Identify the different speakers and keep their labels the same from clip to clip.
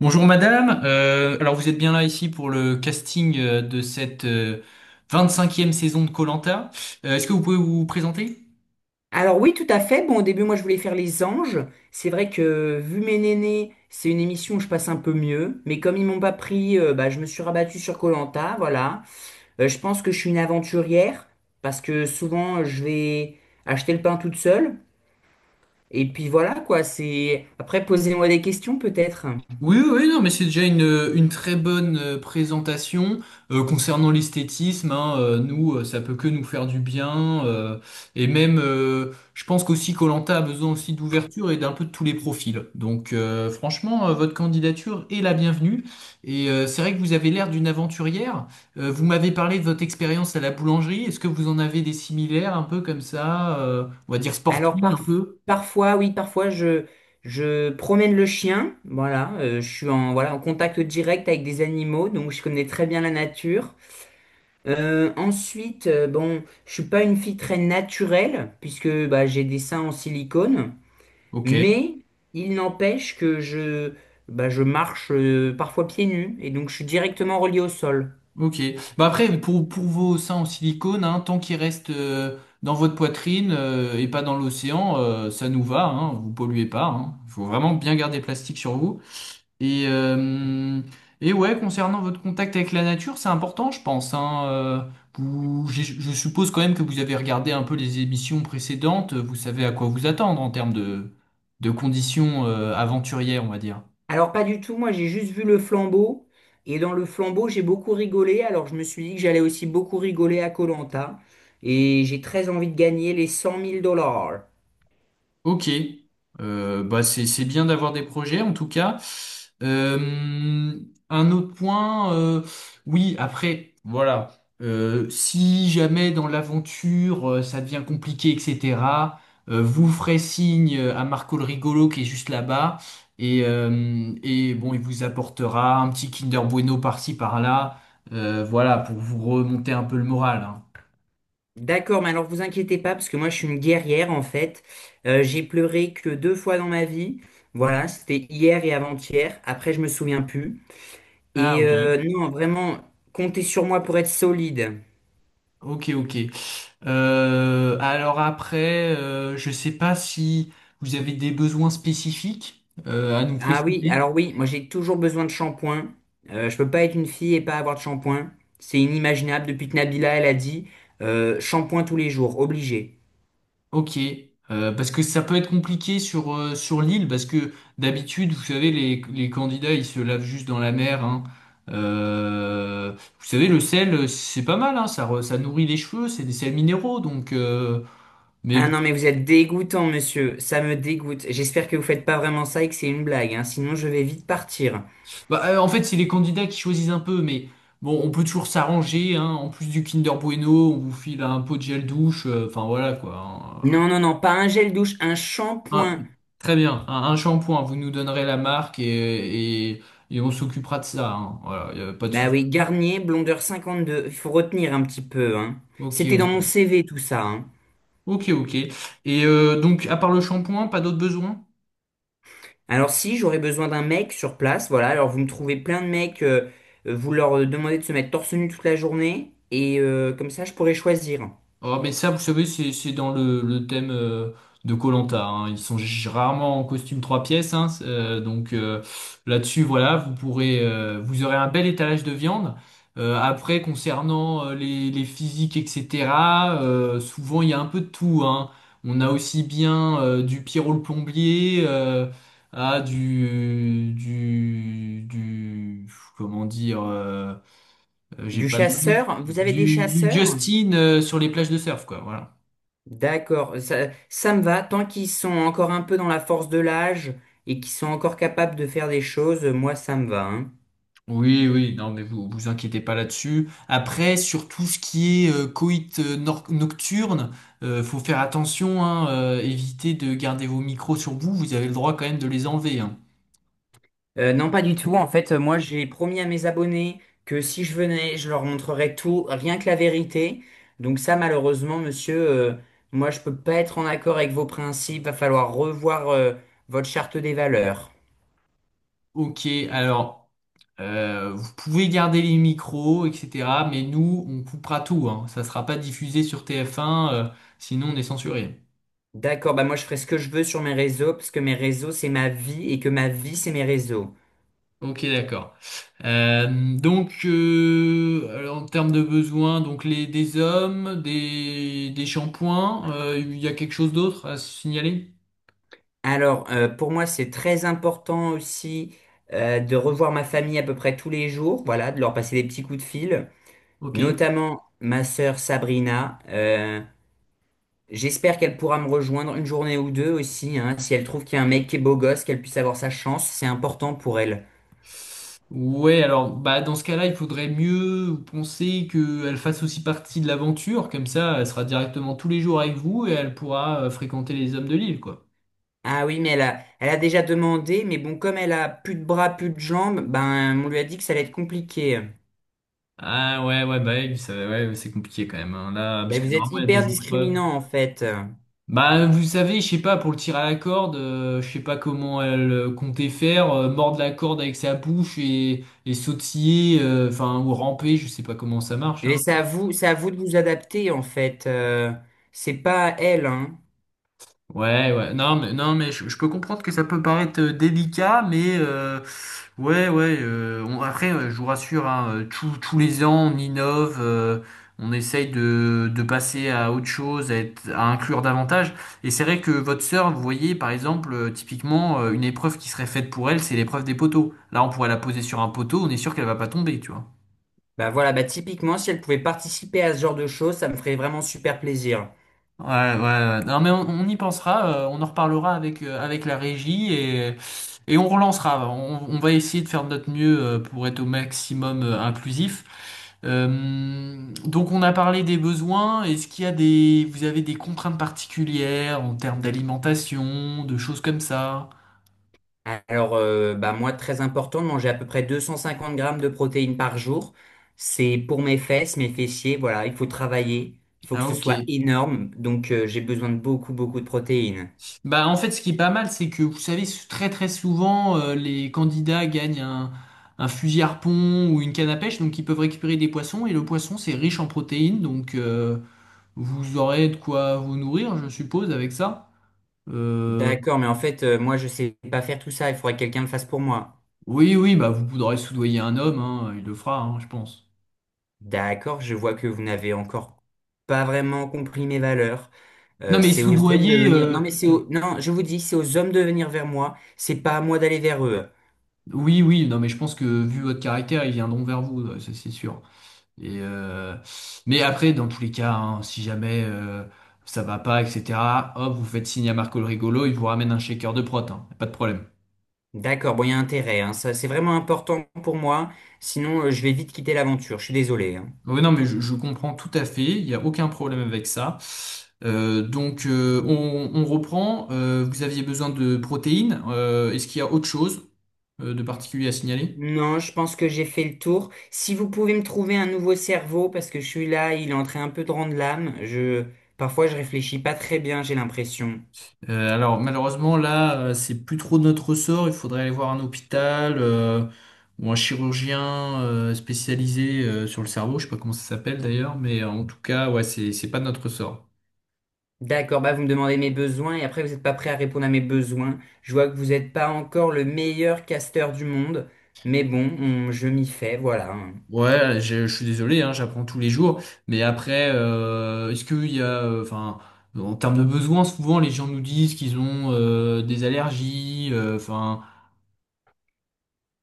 Speaker 1: Bonjour madame. Alors vous êtes bien là ici pour le casting de cette 25e saison de koh. Est-ce que vous pouvez vous présenter?
Speaker 2: Alors oui, tout à fait. Bon, au début, moi, je voulais faire Les Anges. C'est vrai que, vu mes nénés, c'est une émission où je passe un peu mieux. Mais comme ils m'ont pas pris, bah, je me suis rabattue sur koh voilà. Je pense que je suis une aventurière, parce que souvent, je vais acheter le pain toute seule. Et puis voilà, quoi, c'est... Après, posez-moi des questions, peut-être.
Speaker 1: Oui, oui, oui, non, mais c'est déjà une très bonne présentation. Concernant l'esthétisme, hein, nous, ça peut que nous faire du bien. Et même, je pense qu'aussi koh a besoin aussi d'ouverture et d'un peu de tous les profils. Donc, franchement, votre candidature est la bienvenue. C'est vrai que vous avez l'air d'une aventurière. Vous m'avez parlé de votre expérience à la boulangerie. Est-ce que vous en avez des similaires, un peu comme ça, on va dire
Speaker 2: Alors,
Speaker 1: sportive, un
Speaker 2: parf-
Speaker 1: peu?
Speaker 2: Parfois, oui, je promène le chien. Voilà, je suis en, voilà, en contact direct avec des animaux, donc je connais très bien la nature. Bon, je suis pas une fille très naturelle, puisque bah, j'ai des seins en silicone,
Speaker 1: Ok.
Speaker 2: mais il n'empêche que je, bah, je marche parfois pieds nus, et donc je suis directement relié au sol.
Speaker 1: Ok. Pour vos seins en silicone, hein, tant qu'ils restent dans votre poitrine et pas dans l'océan, ça nous va, hein, vous polluez pas, hein. Il faut vraiment bien garder le plastique sur vous. Et, euh, et ouais, concernant votre contact avec la nature, c'est important, je pense, hein. Je suppose quand même que vous avez regardé un peu les émissions précédentes. Vous savez à quoi vous attendre en de conditions aventurières, on va dire.
Speaker 2: Alors pas du tout, moi j'ai juste vu le flambeau, et dans le flambeau j'ai beaucoup rigolé, alors je me suis dit que j'allais aussi beaucoup rigoler à koh, et j'ai très envie de gagner les 100 000 dollars.
Speaker 1: Ok. Bah c'est bien d'avoir des projets en tout cas. Euh, un autre point, oui après voilà. Si jamais dans l'aventure ça devient compliqué etc., vous ferez signe à Marco le rigolo qui est juste là-bas, et bon il vous apportera un petit Kinder Bueno par-ci par-là. Voilà pour vous remonter un peu le moral, hein.
Speaker 2: D'accord, mais alors vous inquiétez pas, parce que moi je suis une guerrière en fait. J'ai pleuré que deux fois dans ma vie. Voilà, c'était hier et avant-hier. Après, je me souviens plus.
Speaker 1: Ah
Speaker 2: Et
Speaker 1: ok.
Speaker 2: non, vraiment, comptez sur moi pour être solide.
Speaker 1: Ok, ok. Alors après, je sais pas si vous avez des besoins spécifiques à nous
Speaker 2: Ah oui,
Speaker 1: préciser.
Speaker 2: alors oui, moi j'ai toujours besoin de shampoing. Je peux pas être une fille et pas avoir de shampoing. C'est inimaginable depuis que Nabila elle a dit shampoing tous les jours, obligé.
Speaker 1: Ok. Parce que ça peut être compliqué sur l'île, parce que d'habitude, vous savez, les candidats, ils se lavent juste dans la mer, hein. Euh, vous savez, le sel, c'est pas mal, hein, ça nourrit les cheveux, c'est des sels minéraux, donc mais
Speaker 2: Ah
Speaker 1: bon.
Speaker 2: non, mais vous êtes dégoûtant, monsieur. Ça me dégoûte. J'espère que vous faites pas vraiment ça et que c'est une blague, hein. Sinon je vais vite partir.
Speaker 1: En fait, c'est les candidats qui choisissent un peu, mais bon, on peut toujours s'arranger, hein. En plus du Kinder Bueno, on vous file un pot de gel douche, enfin voilà quoi. Hein.
Speaker 2: Non, non, non, pas un gel douche, un
Speaker 1: Un-
Speaker 2: shampoing.
Speaker 1: Très bien, un shampoing, vous nous donnerez la marque et on s'occupera de ça, hein. Voilà, y a pas de
Speaker 2: Bah oui,
Speaker 1: souci.
Speaker 2: Garnier, blondeur 52. Il faut retenir un petit peu, hein.
Speaker 1: Ok,
Speaker 2: C'était dans
Speaker 1: ok.
Speaker 2: mon CV tout ça, hein.
Speaker 1: Ok, ok. Et donc, à part le shampoing, pas d'autres besoins?
Speaker 2: Alors si j'aurais besoin d'un mec sur place, voilà, alors vous me trouvez plein de mecs, vous leur demandez de se mettre torse nu toute la journée, et comme ça je pourrais choisir.
Speaker 1: Oh, mais ça, vous savez, c'est dans le thème de koh. Ils sont rarement en costume trois pièces, hein, donc là-dessus, voilà, vous pourrez, vous aurez un bel étalage de viande. Après, concernant les physiques, etc., souvent il y a un peu de tout, hein. On a aussi bien du Pierrot le plombier à du, comment dire, j'ai
Speaker 2: Du
Speaker 1: pas de nom.
Speaker 2: chasseur, vous avez des
Speaker 1: Du
Speaker 2: chasseurs?
Speaker 1: Justin sur les plages de surf, quoi, voilà.
Speaker 2: D'accord, ça me va, tant qu'ils sont encore un peu dans la force de l'âge et qu'ils sont encore capables de faire des choses, moi ça me va, hein.
Speaker 1: Oui, oui, non, mais vous vous inquiétez pas là-dessus. Après, sur tout ce qui est coït nocturne, faut faire attention, hein, évitez de garder vos micros sur vous, vous avez le droit quand même de les enlever, hein.
Speaker 2: Non, pas du tout. En fait, moi, j'ai promis à mes abonnés que si je venais, je leur montrerais tout, rien que la vérité. Donc ça, malheureusement, monsieur, moi, je peux pas être en accord avec vos principes. Va falloir revoir, votre charte des valeurs.
Speaker 1: Ok, alors, vous pouvez garder les micros, etc., mais nous, on coupera tout, hein. Ça sera pas diffusé sur TF1, sinon on est censuré.
Speaker 2: D'accord, bah moi, je ferai ce que je veux sur mes réseaux, parce que mes réseaux, c'est ma vie, et que ma vie, c'est mes réseaux.
Speaker 1: Ok, d'accord. Donc, alors, en termes de besoins, donc les des hommes, des shampoings, il y a quelque chose d'autre à signaler?
Speaker 2: Alors, pour moi, c'est très important aussi, de revoir ma famille à peu près tous les jours, voilà, de leur passer des petits coups de fil,
Speaker 1: Ok.
Speaker 2: notamment ma sœur Sabrina. J'espère qu'elle pourra me rejoindre une journée ou deux aussi, hein, si elle trouve qu'il y a un mec qui est beau gosse, qu'elle puisse avoir sa chance, c'est important pour elle.
Speaker 1: Ouais, alors bah dans ce cas-là, il faudrait mieux penser qu'elle fasse aussi partie de l'aventure, comme ça, elle sera directement tous les jours avec vous et elle pourra fréquenter les hommes de l'île, quoi.
Speaker 2: Ah oui, mais elle a déjà demandé, mais bon, comme elle a plus de bras, plus de jambes, ben on lui a dit que ça allait être compliqué.
Speaker 1: Ah ouais, ouais, bah oui, ouais, ouais, c'est compliqué quand même, hein. Là, parce
Speaker 2: Ben
Speaker 1: que
Speaker 2: vous êtes
Speaker 1: normalement, il y a
Speaker 2: hyper
Speaker 1: des épreuves.
Speaker 2: discriminant en fait.
Speaker 1: Bah, vous savez, je sais pas, pour le tir à la corde, je sais pas comment elle comptait faire, mordre la corde avec sa bouche et sautiller, enfin, ou ramper, je sais pas comment ça marche,
Speaker 2: Et
Speaker 1: hein.
Speaker 2: c'est à vous de vous adapter en fait. C'est pas à elle, hein.
Speaker 1: Ouais, ouais, non, je peux comprendre que ça peut paraître délicat, mais ouais, ouais, après, je vous rassure, hein, tous les ans, on innove, on essaye de passer à autre chose, à inclure davantage. Et c'est vrai que votre sœur, vous voyez, par exemple, typiquement, une épreuve qui serait faite pour elle, c'est l'épreuve des poteaux. Là, on pourrait la poser sur un poteau, on est sûr qu'elle va pas tomber, tu vois.
Speaker 2: Ben voilà, bah typiquement, si elle pouvait participer à ce genre de choses, ça me ferait vraiment super plaisir.
Speaker 1: Ouais, ouais, ouais. Non, mais on y pensera, on en reparlera avec la régie et on relancera. On va essayer de faire de notre mieux pour être au maximum inclusif. Donc on a parlé des besoins. Est-ce qu'il y a vous avez des contraintes particulières en termes d'alimentation, de choses comme ça?
Speaker 2: Alors, bah moi, très important de manger à peu près 250 grammes de protéines par jour. C'est pour mes fesses, mes fessiers, voilà, il faut travailler, il faut que
Speaker 1: Ah,
Speaker 2: ce
Speaker 1: ok.
Speaker 2: soit énorme, donc j'ai besoin de beaucoup, beaucoup de protéines.
Speaker 1: Bah, en fait, ce qui est pas mal, c'est que vous savez, très très souvent, les candidats gagnent un fusil harpon ou une canne à pêche, donc ils peuvent récupérer des poissons, et le poisson, c'est riche en protéines, donc vous aurez de quoi vous nourrir, je suppose, avec ça. Euh,
Speaker 2: D'accord, mais en fait, moi, je sais pas faire tout ça, il faudrait que quelqu'un le fasse pour moi.
Speaker 1: oui, oui, bah vous pourrez soudoyer un homme, hein, il le fera, hein, je pense.
Speaker 2: D'accord, je vois que vous n'avez encore pas vraiment compris mes valeurs.
Speaker 1: Non, mais
Speaker 2: C'est aux hommes de
Speaker 1: soudoyer,
Speaker 2: venir. Non, mais c'est aux... Non, je vous dis, c'est aux hommes de venir vers moi, c'est pas à moi d'aller vers eux.
Speaker 1: Oui, oui, non, mais je pense que vu votre caractère, ils viendront vers vous, ouais, ça c'est sûr. Et, mais après, dans tous les cas, hein, si jamais ça va pas, etc., hop, vous faites signe à Marco le rigolo, il vous ramène un shaker de prot, hein, pas de problème.
Speaker 2: D'accord, bon, il y a intérêt, hein. Ça, c'est vraiment important pour moi. Sinon, je vais vite quitter l'aventure. Je suis désolé, hein.
Speaker 1: Oui, non, je comprends tout à fait, il n'y a aucun problème avec ça. Donc, on reprend. Vous aviez besoin de protéines. Est-ce qu'il y a autre chose de particulier à signaler?
Speaker 2: Non, je pense que j'ai fait le tour. Si vous pouvez me trouver un nouveau cerveau, parce que je suis là, il est en train un peu de rendre l'âme. Parfois, je réfléchis pas très bien, j'ai l'impression.
Speaker 1: Alors malheureusement là, c'est plus trop de notre ressort. Il faudrait aller voir un hôpital ou un chirurgien spécialisé sur le cerveau. Je sais pas comment ça s'appelle d'ailleurs, mais en tout cas, ouais, c'est pas de notre ressort.
Speaker 2: D'accord, bah vous me demandez mes besoins et après vous n'êtes pas prêt à répondre à mes besoins. Je vois que vous n'êtes pas encore le meilleur casteur du monde, mais bon, je m'y fais, voilà, hein.
Speaker 1: Ouais, je suis désolé, hein, j'apprends tous les jours. Mais après, est-ce qu'il y a, enfin, en termes de besoins, souvent les gens nous disent qu'ils ont des allergies, enfin,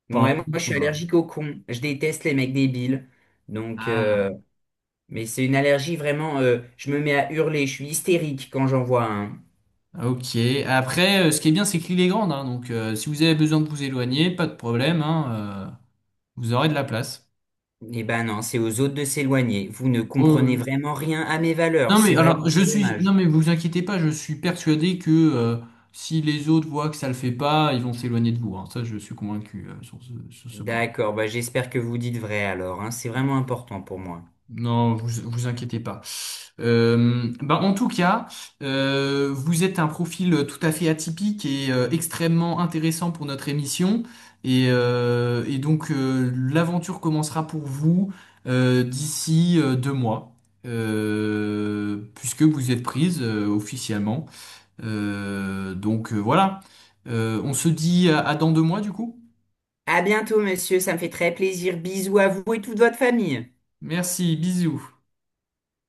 Speaker 2: Moi,
Speaker 1: enfin,
Speaker 2: moi, je suis
Speaker 1: voilà.
Speaker 2: allergique aux cons. Je déteste les mecs débiles. Donc, euh,
Speaker 1: Ah.
Speaker 2: Mais c'est une allergie vraiment, je me mets à hurler, je suis hystérique quand j'en vois un.
Speaker 1: Ah, Ok. Après, ce qui est bien, c'est que l'île est grande, hein, donc si vous avez besoin de vous éloigner, pas de problème, hein, vous aurez de la place.
Speaker 2: Eh ben non, c'est aux autres de s'éloigner. Vous ne
Speaker 1: Oui,
Speaker 2: comprenez
Speaker 1: oui.
Speaker 2: vraiment rien à mes valeurs,
Speaker 1: Non mais
Speaker 2: c'est vraiment
Speaker 1: alors,
Speaker 2: très dommage.
Speaker 1: non mais vous inquiétez pas, je suis persuadé que si les autres voient que ça le fait pas, ils vont s'éloigner de vous, hein. Ça, je suis convaincu sur ce point.
Speaker 2: D'accord, bah j'espère que vous dites vrai alors, hein, c'est vraiment important pour moi.
Speaker 1: Non, vous vous inquiétez pas. Ben, en tout cas, vous êtes un profil tout à fait atypique et extrêmement intéressant pour notre émission. Et donc l'aventure commencera pour vous d'ici 2 mois, puisque vous êtes prise officiellement. Donc voilà. On se dit à dans 2 mois du coup.
Speaker 2: À bientôt, monsieur, ça me fait très plaisir. Bisous à vous et toute votre famille.
Speaker 1: Merci, bisous.